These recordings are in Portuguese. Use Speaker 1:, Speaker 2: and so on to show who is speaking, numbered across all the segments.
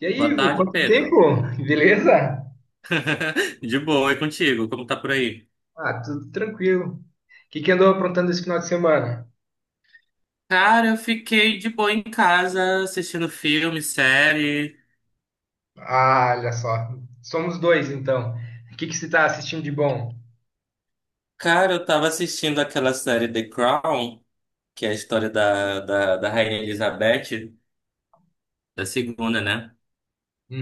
Speaker 1: E aí,
Speaker 2: Boa
Speaker 1: Ivo,
Speaker 2: tarde,
Speaker 1: quanto tempo?
Speaker 2: Pedro.
Speaker 1: Beleza?
Speaker 2: De boa, e contigo? Como tá por aí?
Speaker 1: Ah, tudo tranquilo. O que que andou aprontando esse final de semana?
Speaker 2: Cara, eu fiquei de boa em casa, assistindo filme, série.
Speaker 1: Ah, olha só. Somos dois, então. O que que você está assistindo de bom?
Speaker 2: Cara, eu tava assistindo aquela série The Crown, que é a história da Rainha Elizabeth, da segunda, né?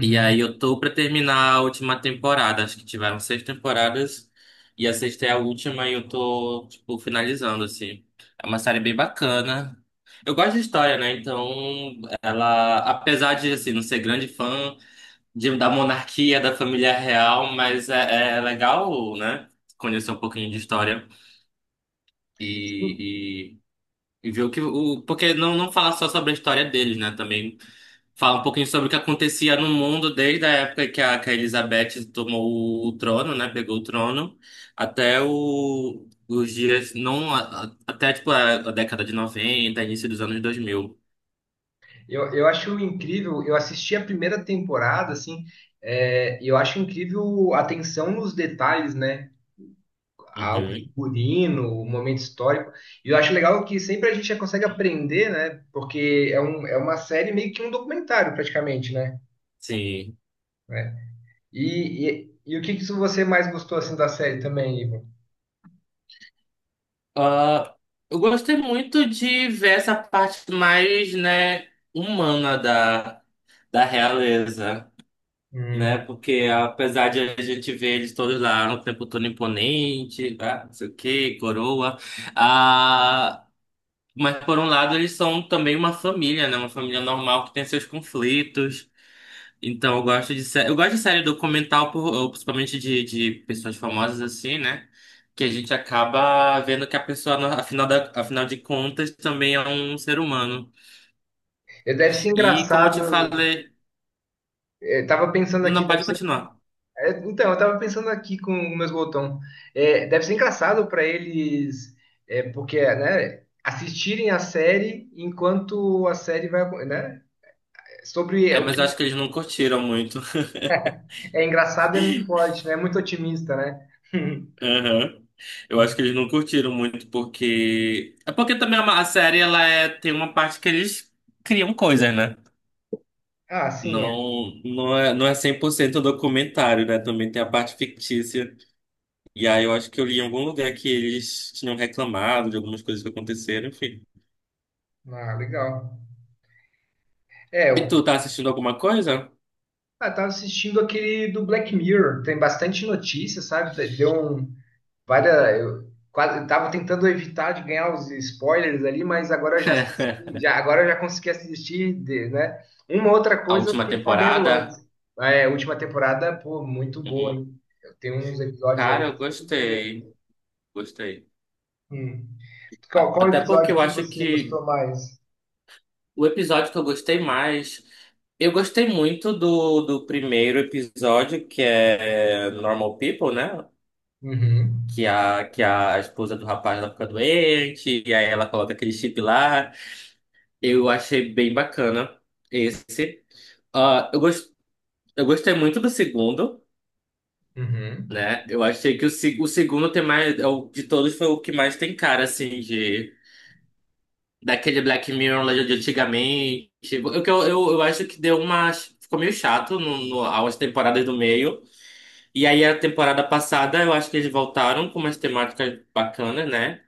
Speaker 2: E aí eu tô pra terminar a última temporada. Acho que tiveram seis temporadas e a sexta é a última e eu tô, tipo, finalizando, assim. É uma série bem bacana. Eu gosto de história, né? Então, ela, apesar de, assim, não ser grande fã de, da monarquia, da família real, mas é legal, né? Conhecer um pouquinho de história e, e ver o que... Porque não falar só sobre a história deles, né? Também fala um pouquinho sobre o que acontecia no mundo desde a época que a Elizabeth tomou o trono, né? Pegou o trono, até o- os dias, não, a- até tipo a década de noventa, início dos anos 2000.
Speaker 1: Eu acho incrível. Eu assisti a primeira temporada, assim, eu acho incrível a atenção nos detalhes, né? Ao
Speaker 2: Uhum.
Speaker 1: figurino, o momento histórico. E eu acho legal que sempre a gente já consegue aprender, né? Porque é uma série meio que um documentário, praticamente, né?
Speaker 2: Sim.
Speaker 1: É, e o que que você mais gostou assim da série também, Igor?
Speaker 2: Ah, eu gostei muito de ver essa parte mais, né, humana da realeza. Né?
Speaker 1: Hum.
Speaker 2: Porque apesar de a gente ver eles todos lá no tempo todo imponente, tá? Não sei o quê, coroa. Ah, mas por um lado eles são também uma família, né? Uma família normal que tem seus conflitos. Então eu gosto de série documental, ou principalmente de pessoas famosas assim, né? Que a gente acaba vendo que a pessoa, afinal de contas, também é um ser humano.
Speaker 1: Deve ser
Speaker 2: E como eu te
Speaker 1: engraçado.
Speaker 2: falei,
Speaker 1: É, tava pensando aqui,
Speaker 2: não
Speaker 1: deve
Speaker 2: pode
Speaker 1: ser-
Speaker 2: continuar.
Speaker 1: é, então, eu tava pensando aqui com o meu botão. É, deve ser engraçado para eles, porque, né, assistirem a série enquanto a série vai, né? Sobre
Speaker 2: É,
Speaker 1: o
Speaker 2: mas eu
Speaker 1: que
Speaker 2: acho que eles não curtiram muito.
Speaker 1: é engraçado é muito forte, né? É muito otimista, né?
Speaker 2: Aham. Eu acho que eles não curtiram muito porque... É porque também a série ela é... tem uma parte que eles criam coisas, né?
Speaker 1: Ah, sim, é.
Speaker 2: Não é 100% documentário, né? Também tem a parte fictícia. E aí eu acho que eu li em algum lugar que eles tinham reclamado de algumas coisas que aconteceram, enfim.
Speaker 1: Ah, legal. É,
Speaker 2: E
Speaker 1: eu
Speaker 2: tu tá assistindo alguma coisa?
Speaker 1: tava assistindo aquele do Black Mirror, tem bastante notícia, sabe? Várias. Eu quase tava tentando evitar de ganhar os spoilers ali, mas agora eu já assisti, já, agora eu já consegui assistir, né? Uma outra
Speaker 2: A
Speaker 1: coisa eu
Speaker 2: última
Speaker 1: fiquei sabendo antes.
Speaker 2: temporada?
Speaker 1: A última temporada, pô, muito boa,
Speaker 2: Uhum.
Speaker 1: hein? Eu tenho uns episódios ali.
Speaker 2: Cara, eu
Speaker 1: Você entendeu?
Speaker 2: gostei. Gostei.
Speaker 1: Hum. Qual,
Speaker 2: A-
Speaker 1: qual
Speaker 2: Até porque
Speaker 1: episódio
Speaker 2: eu
Speaker 1: que
Speaker 2: acho
Speaker 1: você
Speaker 2: que...
Speaker 1: gostou mais?
Speaker 2: O episódio que eu gostei mais. Eu gostei muito do primeiro episódio, que é Normal People, né?
Speaker 1: Uhum.
Speaker 2: Que a esposa do rapaz ela fica doente, e aí ela coloca aquele chip lá. Eu achei bem bacana esse. Ah, eu, gos- eu gostei muito do segundo,
Speaker 1: Uhum.
Speaker 2: né? Eu achei que o, se- o segundo tem mais... De todos foi o que mais tem cara, assim, daquele Black Mirror lá de antigamente. Eu acho que deu uma... Ficou meio chato no, no, as temporadas do meio. E aí a temporada passada eu acho que eles voltaram com umas temáticas bacanas, né?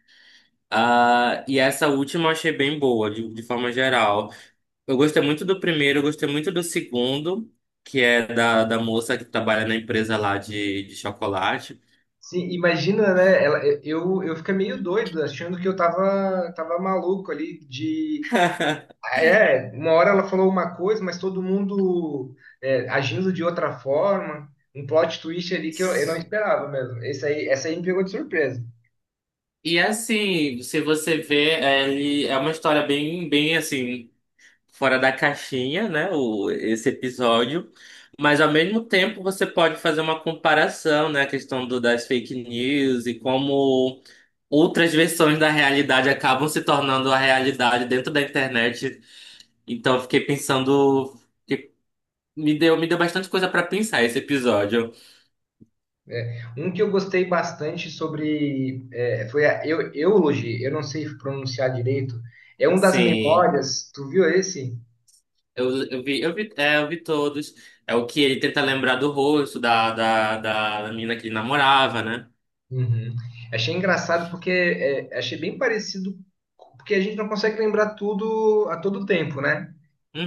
Speaker 2: Ah, e essa última eu achei bem boa, de forma geral. Eu gostei muito do primeiro, eu gostei muito do segundo, que é da moça que trabalha na empresa lá de chocolate.
Speaker 1: Sim, imagina, né? Eu fiquei meio doido, achando que eu tava maluco ali de É, uma hora ela falou uma coisa, mas todo mundo agindo de outra forma. Um plot twist ali que eu não esperava mesmo. Essa aí me pegou de surpresa.
Speaker 2: E assim, se você vê, é, ele é uma história bem, bem assim... fora da caixinha, né? O, esse episódio. Mas ao mesmo tempo você pode fazer uma comparação, né? A questão do, das fake news e como outras versões da realidade acabam se tornando a realidade dentro da internet. Então eu fiquei pensando, que me deu bastante coisa para pensar esse episódio.
Speaker 1: Um que eu gostei bastante sobre. Foi a Eulogy, eu não sei pronunciar direito. É um das
Speaker 2: Sim,
Speaker 1: memórias. Tu viu esse?
Speaker 2: eu vi todos. É o que ele tenta lembrar do rosto da menina que ele namorava, né?
Speaker 1: Uhum. Achei engraçado porque achei bem parecido. Porque a gente não consegue lembrar tudo a todo tempo, né?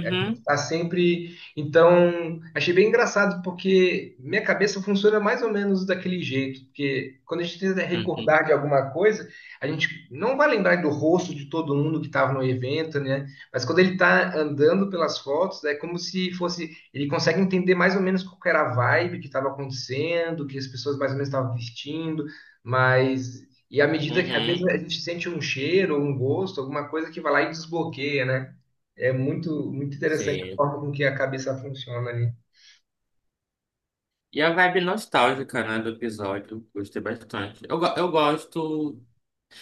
Speaker 1: A gente tá sempre. Então, achei bem engraçado, porque minha cabeça funciona mais ou menos daquele jeito. Porque quando a gente tenta
Speaker 2: Uhum.
Speaker 1: recordar de alguma coisa, a gente não vai lembrar do rosto de todo mundo que estava no evento, né? Mas quando ele está andando pelas fotos, é como se fosse. Ele consegue entender mais ou menos qual que era a vibe que estava acontecendo, o que as pessoas mais ou menos estavam vestindo, E à medida que, às vezes,
Speaker 2: Uhum.
Speaker 1: a gente sente um cheiro, um gosto, alguma coisa que vai lá e desbloqueia, né? É muito, muito interessante a
Speaker 2: Sim.
Speaker 1: forma com que a cabeça funciona ali.
Speaker 2: E a vibe nostálgica, né, do episódio, gostei bastante.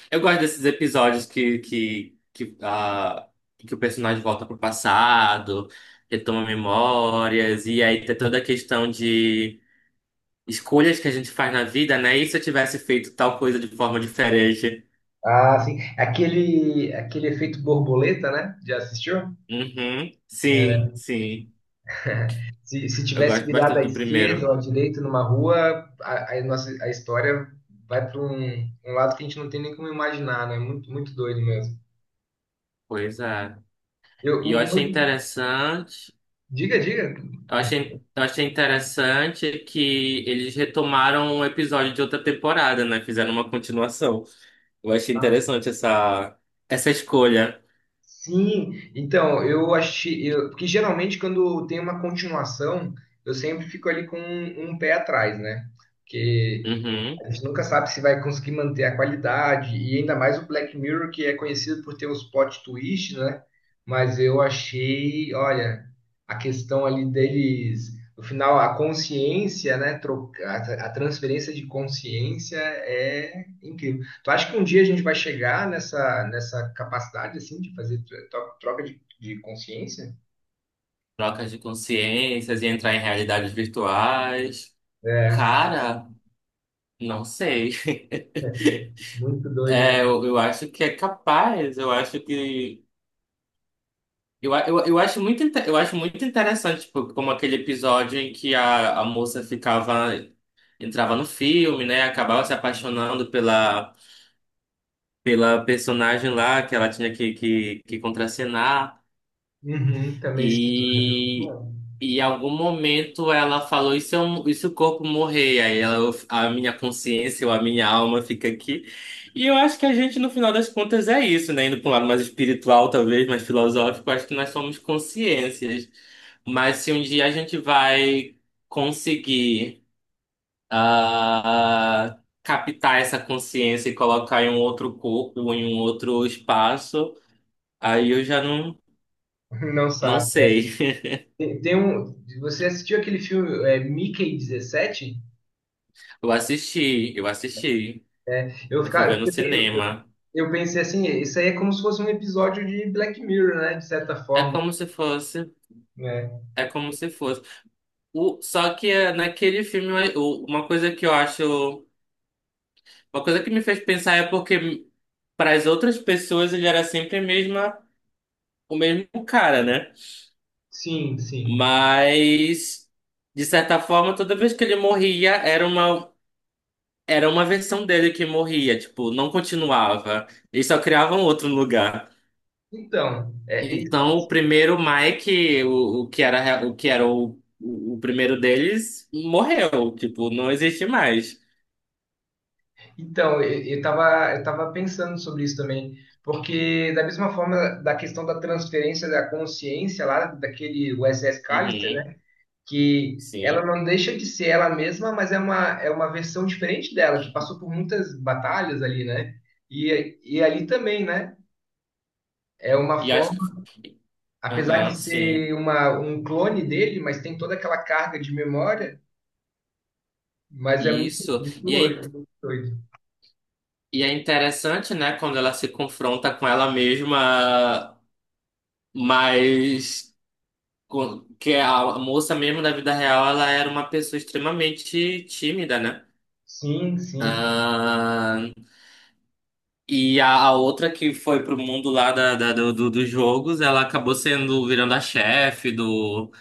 Speaker 2: Eu gosto desses episódios que o personagem volta pro passado, retoma memórias e aí tem toda a questão de escolhas que a gente faz na vida, né? E se eu tivesse feito tal coisa de forma diferente?
Speaker 1: Ah, sim. Aquele efeito borboleta, né? Já assistiu?
Speaker 2: Uhum. Sim, sim.
Speaker 1: Se
Speaker 2: Eu
Speaker 1: tivesse
Speaker 2: gosto
Speaker 1: virado
Speaker 2: bastante
Speaker 1: à
Speaker 2: do
Speaker 1: esquerda
Speaker 2: primeiro.
Speaker 1: ou à direita numa rua, a história vai para um, um lado que a gente não tem nem como imaginar, né? Muito, muito doido mesmo.
Speaker 2: Pois é.
Speaker 1: Eu,
Speaker 2: E eu
Speaker 1: um-
Speaker 2: achei
Speaker 1: muito-
Speaker 2: interessante...
Speaker 1: Diga, diga.
Speaker 2: eu achei interessante que eles retomaram um episódio de outra temporada, né? Fizeram uma continuação. Eu achei
Speaker 1: Ah,
Speaker 2: interessante essa, essa escolha.
Speaker 1: sim, então. Porque geralmente quando tem uma continuação, eu sempre fico ali com um pé atrás, né? Porque
Speaker 2: Uhum.
Speaker 1: a gente nunca sabe se vai conseguir manter a qualidade, e ainda mais o Black Mirror, que é conhecido por ter uns plot twist, né? Mas eu achei, olha, a questão ali deles, no final, a consciência, né? A transferência de consciência é incrível. Tu acha que um dia a gente vai chegar nessa capacidade, assim, de fazer troca de consciência?
Speaker 2: Trocas de consciências e entrar em realidades virtuais.
Speaker 1: É,
Speaker 2: Cara, não sei.
Speaker 1: muito doido, né?
Speaker 2: É, eu acho que é capaz. Eu acho que... eu acho muito interessante, tipo, como aquele episódio em que a moça ficava. Entrava no filme, né? Acabava se apaixonando pela... pela personagem lá que ela tinha que contracenar
Speaker 1: Uhum, também esquizofrenia.
Speaker 2: e e em algum momento ela falou e se, eu, e se o corpo morrer? Aí ela, a minha consciência ou a minha alma fica aqui. E eu acho que a gente, no final das contas, é isso, né? Indo para um lado mais espiritual, talvez, mais filosófico, acho que nós somos consciências. Mas se um dia a gente vai conseguir ah, captar essa consciência e colocar em um outro corpo, em um outro espaço, aí eu já não,
Speaker 1: Não
Speaker 2: não
Speaker 1: sabe.
Speaker 2: sei.
Speaker 1: Tem um. Você assistiu aquele filme Mickey 17.
Speaker 2: Eu assisti, eu assisti,
Speaker 1: Eu,
Speaker 2: eu fui ver
Speaker 1: fica,
Speaker 2: no cinema.
Speaker 1: eu- Pensei assim, isso aí é como se fosse um episódio de Black Mirror, né? De certa
Speaker 2: É
Speaker 1: forma,
Speaker 2: como se fosse,
Speaker 1: né?
Speaker 2: é como se fosse. O, só que é, naquele filme, uma coisa que eu acho, uma coisa que me fez pensar é porque para as outras pessoas ele era sempre a mesma, o mesmo cara, né?
Speaker 1: Sim, sim.
Speaker 2: Mas de certa forma, toda vez que ele morria, era uma... Era uma versão dele que morria, tipo, não continuava. Eles só criavam outro lugar.
Speaker 1: Então, é, e-
Speaker 2: Então, o primeiro Mike, o que era o primeiro deles, morreu. Tipo, não existe mais.
Speaker 1: então eu tava pensando sobre isso também, porque da mesma forma da questão da transferência da consciência lá daquele USS Callister,
Speaker 2: Uhum,
Speaker 1: né, que ela
Speaker 2: sim.
Speaker 1: não deixa de ser ela mesma, mas é uma versão diferente dela, que passou por muitas batalhas ali, né? E ali também, né? É uma
Speaker 2: E acho
Speaker 1: forma,
Speaker 2: que...
Speaker 1: apesar
Speaker 2: Aham,
Speaker 1: de
Speaker 2: sim.
Speaker 1: ser um clone dele, mas tem toda aquela carga de memória, mas é muito,
Speaker 2: Isso.
Speaker 1: muito doido, muito doido.
Speaker 2: E é interessante, né, quando ela se confronta com ela mesma, mas... Que é a moça mesmo da vida real, ela era uma pessoa extremamente tímida, né?
Speaker 1: Sim, sim.
Speaker 2: Ah, e a outra que foi pro mundo lá da, da- do, do- dos jogos, ela acabou sendo virando a chefe do,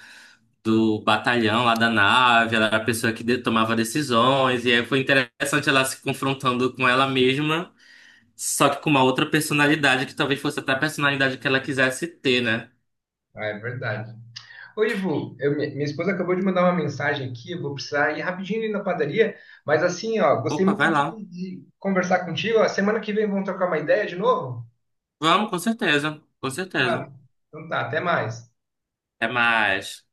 Speaker 2: do batalhão lá da nave, ela era a pessoa que tomava decisões, e aí foi interessante ela se confrontando com ela mesma, só que com uma outra personalidade, que talvez fosse até a personalidade que ela quisesse ter, né?
Speaker 1: Ah, é verdade. Ô, Ivo, minha esposa acabou de mandar uma mensagem aqui, eu vou precisar ir rapidinho ali na padaria, mas assim, ó, gostei
Speaker 2: Opa,
Speaker 1: muito
Speaker 2: vai lá.
Speaker 1: de conversar contigo. A semana que vem vamos trocar uma ideia de novo?
Speaker 2: Vamos, com certeza, com certeza.
Speaker 1: Claro. Então tá, até mais.
Speaker 2: Até mais.